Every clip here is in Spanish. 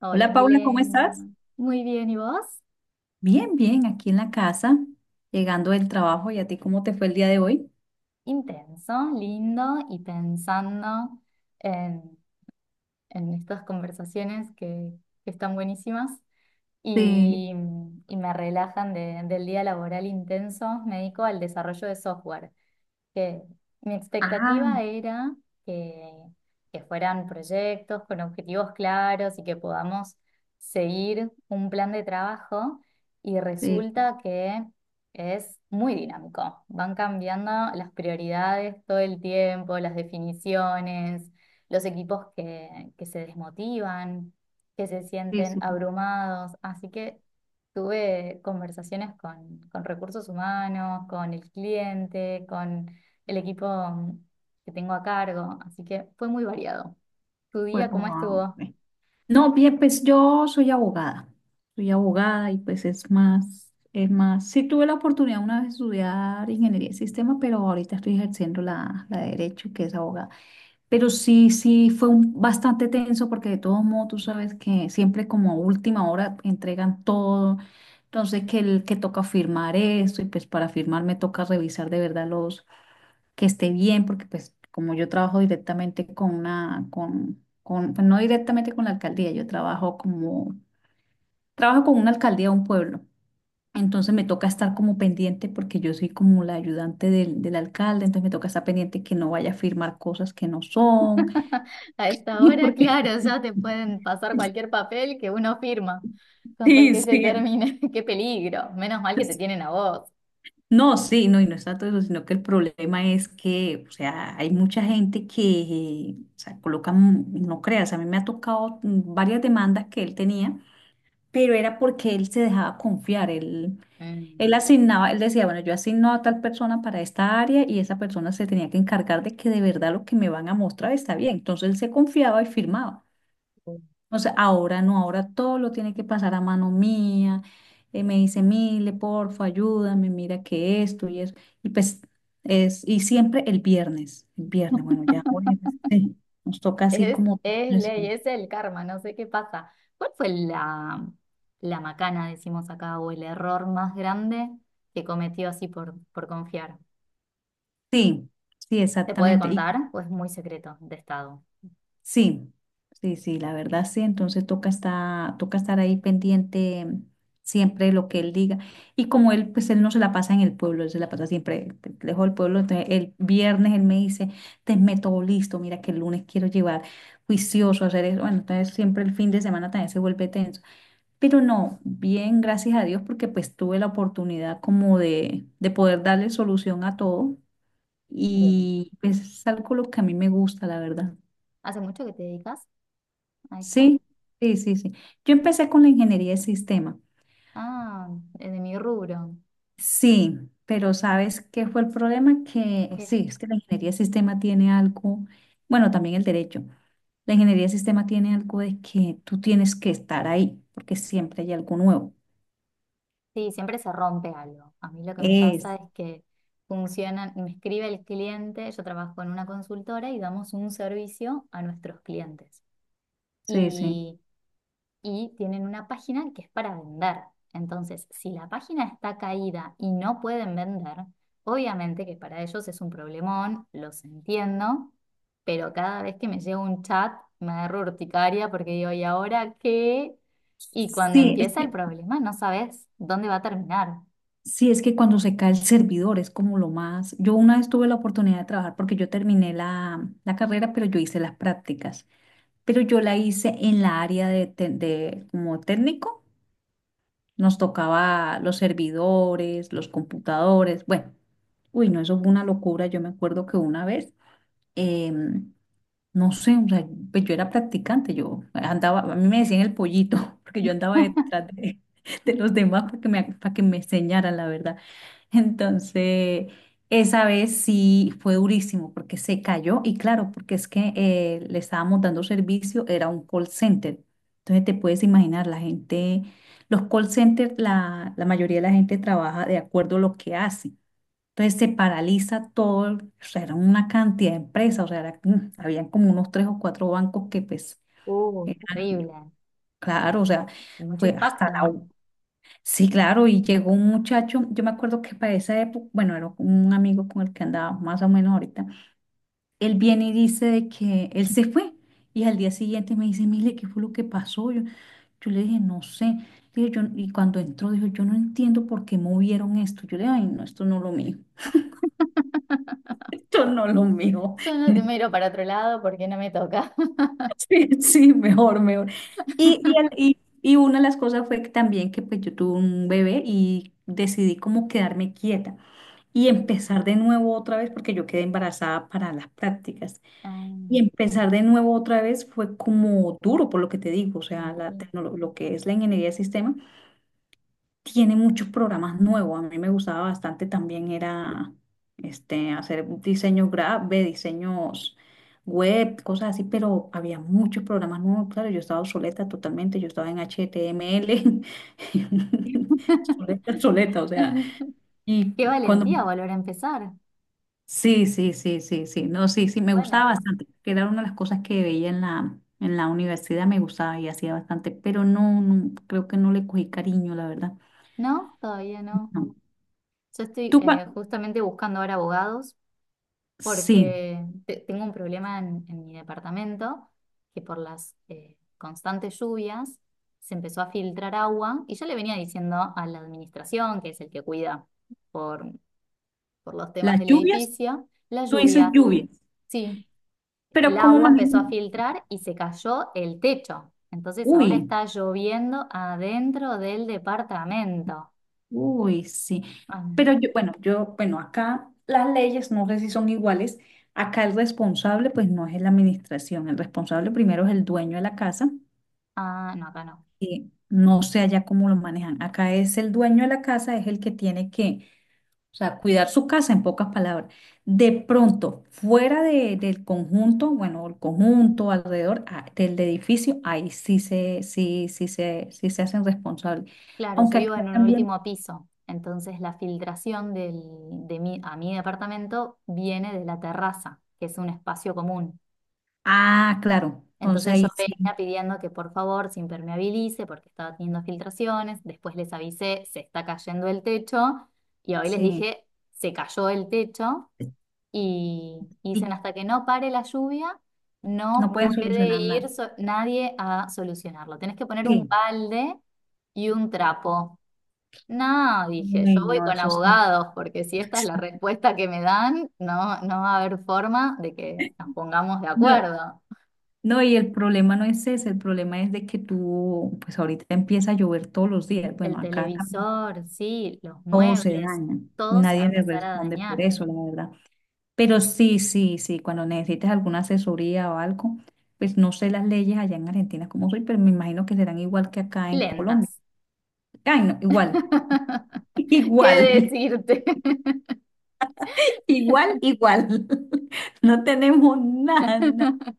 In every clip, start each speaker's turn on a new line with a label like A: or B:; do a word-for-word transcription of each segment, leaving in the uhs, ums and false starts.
A: Hola,
B: Hola Paula, ¿cómo estás?
A: Milena. Muy bien, ¿y vos?
B: Bien, bien, aquí en la casa, llegando del trabajo. ¿Y a ti cómo te fue el día de hoy?
A: Intenso, lindo y pensando en, en estas conversaciones que, que están buenísimas
B: Sí,
A: y, y me relajan de- del día laboral intenso. Me dedico al desarrollo de software. Que Mi expectativa
B: ah,
A: era que, que fueran proyectos con objetivos claros y que podamos seguir un plan de trabajo y
B: sí,
A: resulta que es muy dinámico. Van cambiando las prioridades todo el tiempo, las definiciones, los equipos que, que se desmotivan, que se
B: sí,
A: sienten
B: sí,
A: abrumados. Así que tuve conversaciones con, con recursos humanos, con el cliente, con el equipo mm, que tengo a cargo, así que fue muy variado. ¿Tu
B: fue,
A: día cómo
B: wow,
A: estuvo?
B: ok. No, bien, pues yo soy abogada. Soy abogada y pues es más, es más. Sí tuve la oportunidad una vez de estudiar ingeniería de sistema, pero ahorita estoy ejerciendo la, la de derecho, que es abogada. Pero sí, sí, fue un- bastante tenso porque de todos modos tú sabes que siempre como a última hora entregan todo. Entonces que el que toca firmar esto y pues para firmar me toca revisar de verdad los que esté bien porque pues como yo trabajo directamente con una, con, con, pues no directamente con la alcaldía, yo trabajo como, trabajo con una alcaldía de un pueblo. Entonces me toca estar como pendiente porque yo soy como la ayudante del, del alcalde, entonces me toca estar pendiente que no vaya a firmar cosas que no son.
A: A esta hora,
B: Porque
A: claro, ya te pueden pasar cualquier papel que uno firma, con tal
B: sí,
A: que se
B: sí.
A: termine. ¡Qué peligro! Menos mal que te tienen a vos.
B: No, sí, no, y no está todo eso, sino que el problema es que, o sea, hay mucha gente que, o sea, colocan, no creas, a mí me ha tocado mm, varias demandas que él tenía, pero era porque él se dejaba confiar, él, él
A: Mm.
B: asignaba, él decía, bueno, yo asigno a tal persona para esta área y esa persona se tenía que encargar de que de verdad lo que me van a mostrar está bien, entonces él se confiaba y firmaba. O sea, ahora no, ahora todo lo tiene que pasar a mano mía. Eh, me dice, Mile, porfa, ayúdame, mira que esto y eso. Y pues es, y siempre el viernes, el viernes, bueno, ya, jueves, sí, nos toca así
A: Es,
B: como...
A: es ley, es el karma, no sé qué pasa. ¿Cuál fue la, la macana, decimos acá, o el error más grande que cometió así por, por confiar?
B: Sí, sí,
A: ¿Te puede
B: exactamente.
A: contar? Pues muy secreto de estado.
B: Sí, sí, sí, la verdad sí, entonces toca estar, toca estar ahí pendiente siempre de lo que él diga. Y como él, pues él no se la pasa en el pueblo, él se la pasa siempre te- lejos del pueblo, entonces el viernes él me dice, te meto listo, mira que el lunes quiero llevar juicioso a hacer eso. Bueno, entonces siempre el fin de semana también se vuelve tenso. Pero no, bien, gracias a Dios, porque pues tuve la oportunidad como de, de poder darle solución a todo
A: Bien.
B: y pues es algo lo que a mí me gusta, la verdad.
A: ¿Hace mucho que te dedicas a esto?
B: Sí, sí, sí, sí. Yo empecé con la ingeniería de sistema.
A: Ah, es de mi rubro.
B: Sí, pero ¿sabes qué fue el problema? Que
A: ¿Qué?
B: sí, es que la ingeniería de sistema tiene algo, bueno, también el derecho. La ingeniería de sistema tiene algo de que tú tienes que estar ahí, porque siempre hay algo nuevo.
A: Sí, siempre se rompe algo. A mí lo que me
B: Es,
A: pasa es que funcionan, me escribe el cliente, yo trabajo en una consultora y damos un servicio a nuestros clientes.
B: sí, sí.
A: Y y tienen una página que es para vender. Entonces, si la página está caída y no pueden vender, obviamente que para ellos es un problemón, los entiendo, pero cada vez que me llega un chat me agarro urticaria porque digo, ¿y ahora qué? Y cuando
B: Sí, es
A: empieza el
B: que,
A: problema no sabes dónde va a terminar.
B: sí, es que cuando se cae el servidor es como lo más. Yo una vez tuve la oportunidad de trabajar porque yo terminé la, la carrera, pero yo hice las prácticas. Pero yo la hice en la área de, te- de como técnico. Nos tocaba los servidores, los computadores, bueno, uy, no, eso fue una locura. Yo me acuerdo que una vez em, no sé, o sea, pues yo era practicante, yo andaba, a mí me decían el pollito, porque yo andaba detrás de, de los demás para que me, para que me enseñaran, la verdad. Entonces, esa vez sí fue durísimo, porque se cayó, y claro, porque es que eh, le estábamos dando servicio, era un call center. Entonces, te puedes imaginar, la gente, los call centers, la, la mayoría de la gente trabaja de acuerdo a lo que hace. Entonces se paraliza todo, el- o sea, era una cantidad de empresas, o sea, era- mm, habían como unos tres o cuatro bancos que pues,
A: Uh,
B: eran,
A: terrible,
B: claro, o sea,
A: mucho
B: fue hasta
A: impacto.
B: la... u- Sí, claro, y llegó un muchacho, yo me acuerdo que para esa época, bueno, era un amigo con el que andaba más o menos ahorita, él viene y dice de que él se fue y al día siguiente me dice, mire, ¿qué fue lo que pasó? Yo, yo le dije, no sé. Dije, yo, y cuando entró, dijo, yo no entiendo por qué movieron esto. Yo le dije, ay, no, esto no es lo mío, esto no es lo mío.
A: Yo no te miro para otro lado porque no me toca.
B: Sí, sí, mejor, mejor. Y, y, el- y- y una de las cosas fue que también que pues yo tuve un bebé y decidí como quedarme quieta y
A: Sí.
B: empezar de nuevo otra vez porque yo quedé embarazada para las prácticas.
A: Ah,
B: Y empezar de nuevo otra vez fue como duro, por lo que te digo, o
A: sí,
B: sea,
A: sí.
B: la tecnolo- lo que es la ingeniería de sistema tiene muchos programas nuevos. A mí me gustaba bastante también era este, hacer diseños graves, diseños web, cosas así, pero había muchos programas nuevos. Claro, yo estaba obsoleta totalmente, yo estaba en H T M L, obsoleta, obsoleta, o sea, y
A: Qué
B: cuando...
A: valentía volver a empezar.
B: Sí, sí, sí, sí, sí, no, sí, sí, me
A: Bueno,
B: gustaba
A: es-
B: bastante, que era una de las cosas que veía en la, en la universidad, me gustaba y hacía bastante, pero no, no, creo que no le cogí cariño, la verdad.
A: no, todavía no.
B: No.
A: Yo estoy
B: ¿Tú, cua-
A: eh, justamente buscando ahora abogados
B: Sí,
A: porque te- tengo un problema en, en mi departamento que por las eh, constantes lluvias se empezó a filtrar agua y yo le venía diciendo a la administración, que es el que cuida por, por los temas
B: las
A: del
B: lluvias,
A: edificio, la
B: tú dices
A: lluvia.
B: lluvias,
A: Sí,
B: pero
A: el
B: ¿cómo
A: agua empezó a
B: manejan?
A: filtrar y se cayó el techo. Entonces ahora
B: Uy,
A: está lloviendo adentro del departamento.
B: uy, sí.
A: Ah,
B: Pero yo, bueno, yo, bueno, acá las leyes, no sé si son iguales. Acá el responsable, pues no es la administración. El responsable primero es el dueño de la casa.
A: ah, no, acá no.
B: Y no sé allá cómo lo manejan. Acá es el dueño de la casa, es el que tiene que, o sea, cuidar su casa en pocas palabras. De pronto, fuera de- del conjunto, bueno, el conjunto alrededor ah, del edificio, ahí sí se, sí, sí se, sí se hacen responsables.
A: Claro, yo
B: Aunque
A: vivo
B: acá
A: en un
B: también,
A: último piso. Entonces la filtración del- de mi, a mi departamento viene de la terraza, que es un espacio común.
B: ah, claro, entonces
A: Entonces yo
B: ahí sí,
A: venía pidiendo que por favor se impermeabilice porque estaba teniendo filtraciones. Después les avisé, se está cayendo el techo. Y hoy les
B: sí,
A: dije, se cayó el techo. Y, y dicen,
B: sí,
A: hasta que no pare la lluvia,
B: no
A: no
B: pueden solucionar
A: puede ir
B: nada.
A: so- nadie a solucionarlo. Tenés que poner un
B: Sí,
A: balde y un trapo. No, dije, yo
B: uy,
A: voy
B: no,
A: con
B: eso sí.
A: abogados, porque si esta es la respuesta que me dan, no, no va a haber forma de que nos pongamos de
B: No,
A: acuerdo.
B: no, y el problema no es ese, el problema es de que tú, pues ahorita empieza a llover todos los días. Bueno,
A: El
B: acá también
A: televisor, sí, los
B: todo se
A: muebles,
B: daña.
A: todo se va a
B: Nadie le
A: empezar a
B: responde por
A: dañar.
B: eso, la verdad. Pero sí, sí, sí, cuando necesites alguna asesoría o algo, pues no sé las leyes allá en Argentina como soy, pero me imagino que serán igual que acá en Colombia.
A: Lentas.
B: Ay, no, igual,
A: ¿Qué
B: igual,
A: decirte?
B: igual, igual. No tenemos nada, nada,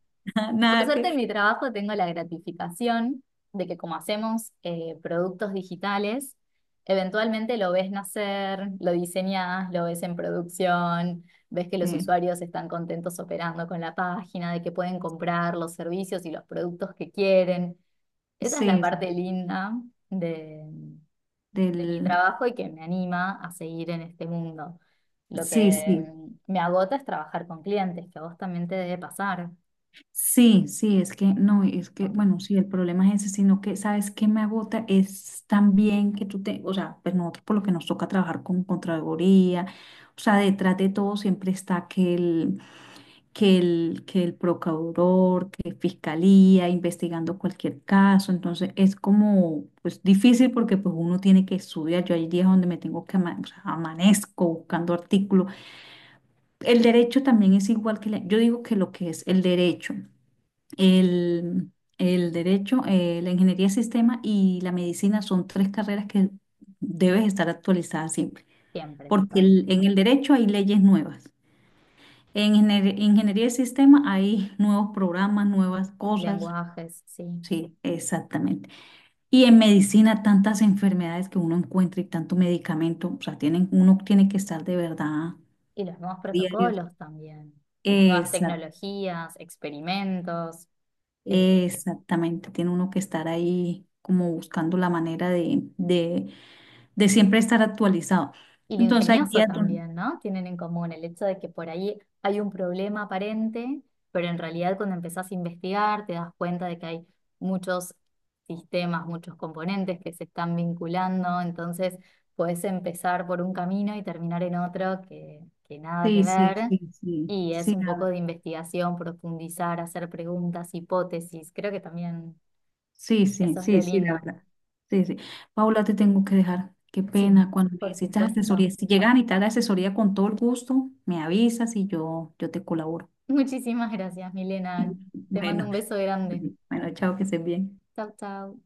A: Por
B: nada
A: suerte en
B: que...
A: mi trabajo tengo la gratificación de que como hacemos eh, productos digitales, eventualmente lo ves nacer, lo diseñás, lo ves en producción, ves que los
B: Sí,
A: usuarios están contentos operando con la página, de que pueden comprar los servicios y los productos que quieren. Esa es la
B: sí, sí,
A: parte linda de, de mi
B: del...
A: trabajo y que me anima a seguir en este mundo. Lo que
B: Sí, sí.
A: mm, me agota es trabajar con clientes, que a vos también te debe pasar,
B: Sí, sí, es que no, es que,
A: con-
B: bueno, sí, el problema es ese, sino que, ¿sabes qué me agota? Es también que tú te, o sea, pues nosotros por lo que nos toca trabajar con Contraloría, o sea, detrás de todo siempre está que el, que el, que el procurador, que fiscalía, investigando cualquier caso, entonces es como, pues difícil porque pues uno tiene que estudiar, yo hay días donde me tengo que, ama- o sea, amanezco buscando artículos. El derecho también es igual que, la- yo digo que lo que es el derecho. El, el derecho, eh, la ingeniería de sistema y la medicina son tres carreras que debes estar actualizada siempre,
A: siempre,
B: porque
A: total.
B: el- en el derecho hay leyes nuevas. En ingenier- ingeniería de sistema hay nuevos programas, nuevas cosas.
A: Lenguajes, sí.
B: Sí, exactamente. Y en medicina tantas enfermedades que uno encuentra y tanto medicamento, o sea, tienen, uno tiene que estar de verdad
A: Y los nuevos
B: diarios.
A: protocolos también, las nuevas
B: Exacto.
A: tecnologías, experimentos. eh,
B: Exactamente, tiene uno que estar ahí como buscando la manera de, de de siempre estar actualizado.
A: Y lo
B: Entonces hay
A: ingenioso
B: días donde...
A: también, ¿no? Tienen en común el hecho de que por ahí hay un problema aparente, pero en realidad cuando empezás a investigar te das cuenta de que hay muchos sistemas, muchos componentes que se están vinculando, entonces podés empezar por un camino y terminar en otro que, que nada que
B: Sí, sí,
A: ver.
B: sí, sí,
A: Y es
B: sí,
A: un
B: la
A: poco
B: verdad.
A: de investigación, profundizar, hacer preguntas, hipótesis. Creo que también
B: Sí, sí,
A: eso es lo
B: sí, sí, la
A: lindo.
B: verdad. Sí, sí. Paula, te tengo que dejar. Qué
A: Sí,
B: pena cuando
A: por
B: necesitas asesoría.
A: supuesto.
B: Si llegas a necesitar asesoría con todo el gusto, me avisas y yo, yo te colaboro.
A: Muchísimas gracias, Milena. Te mando
B: Bueno,
A: un beso grande.
B: bueno, chao, que estés bien.
A: Chao, chao.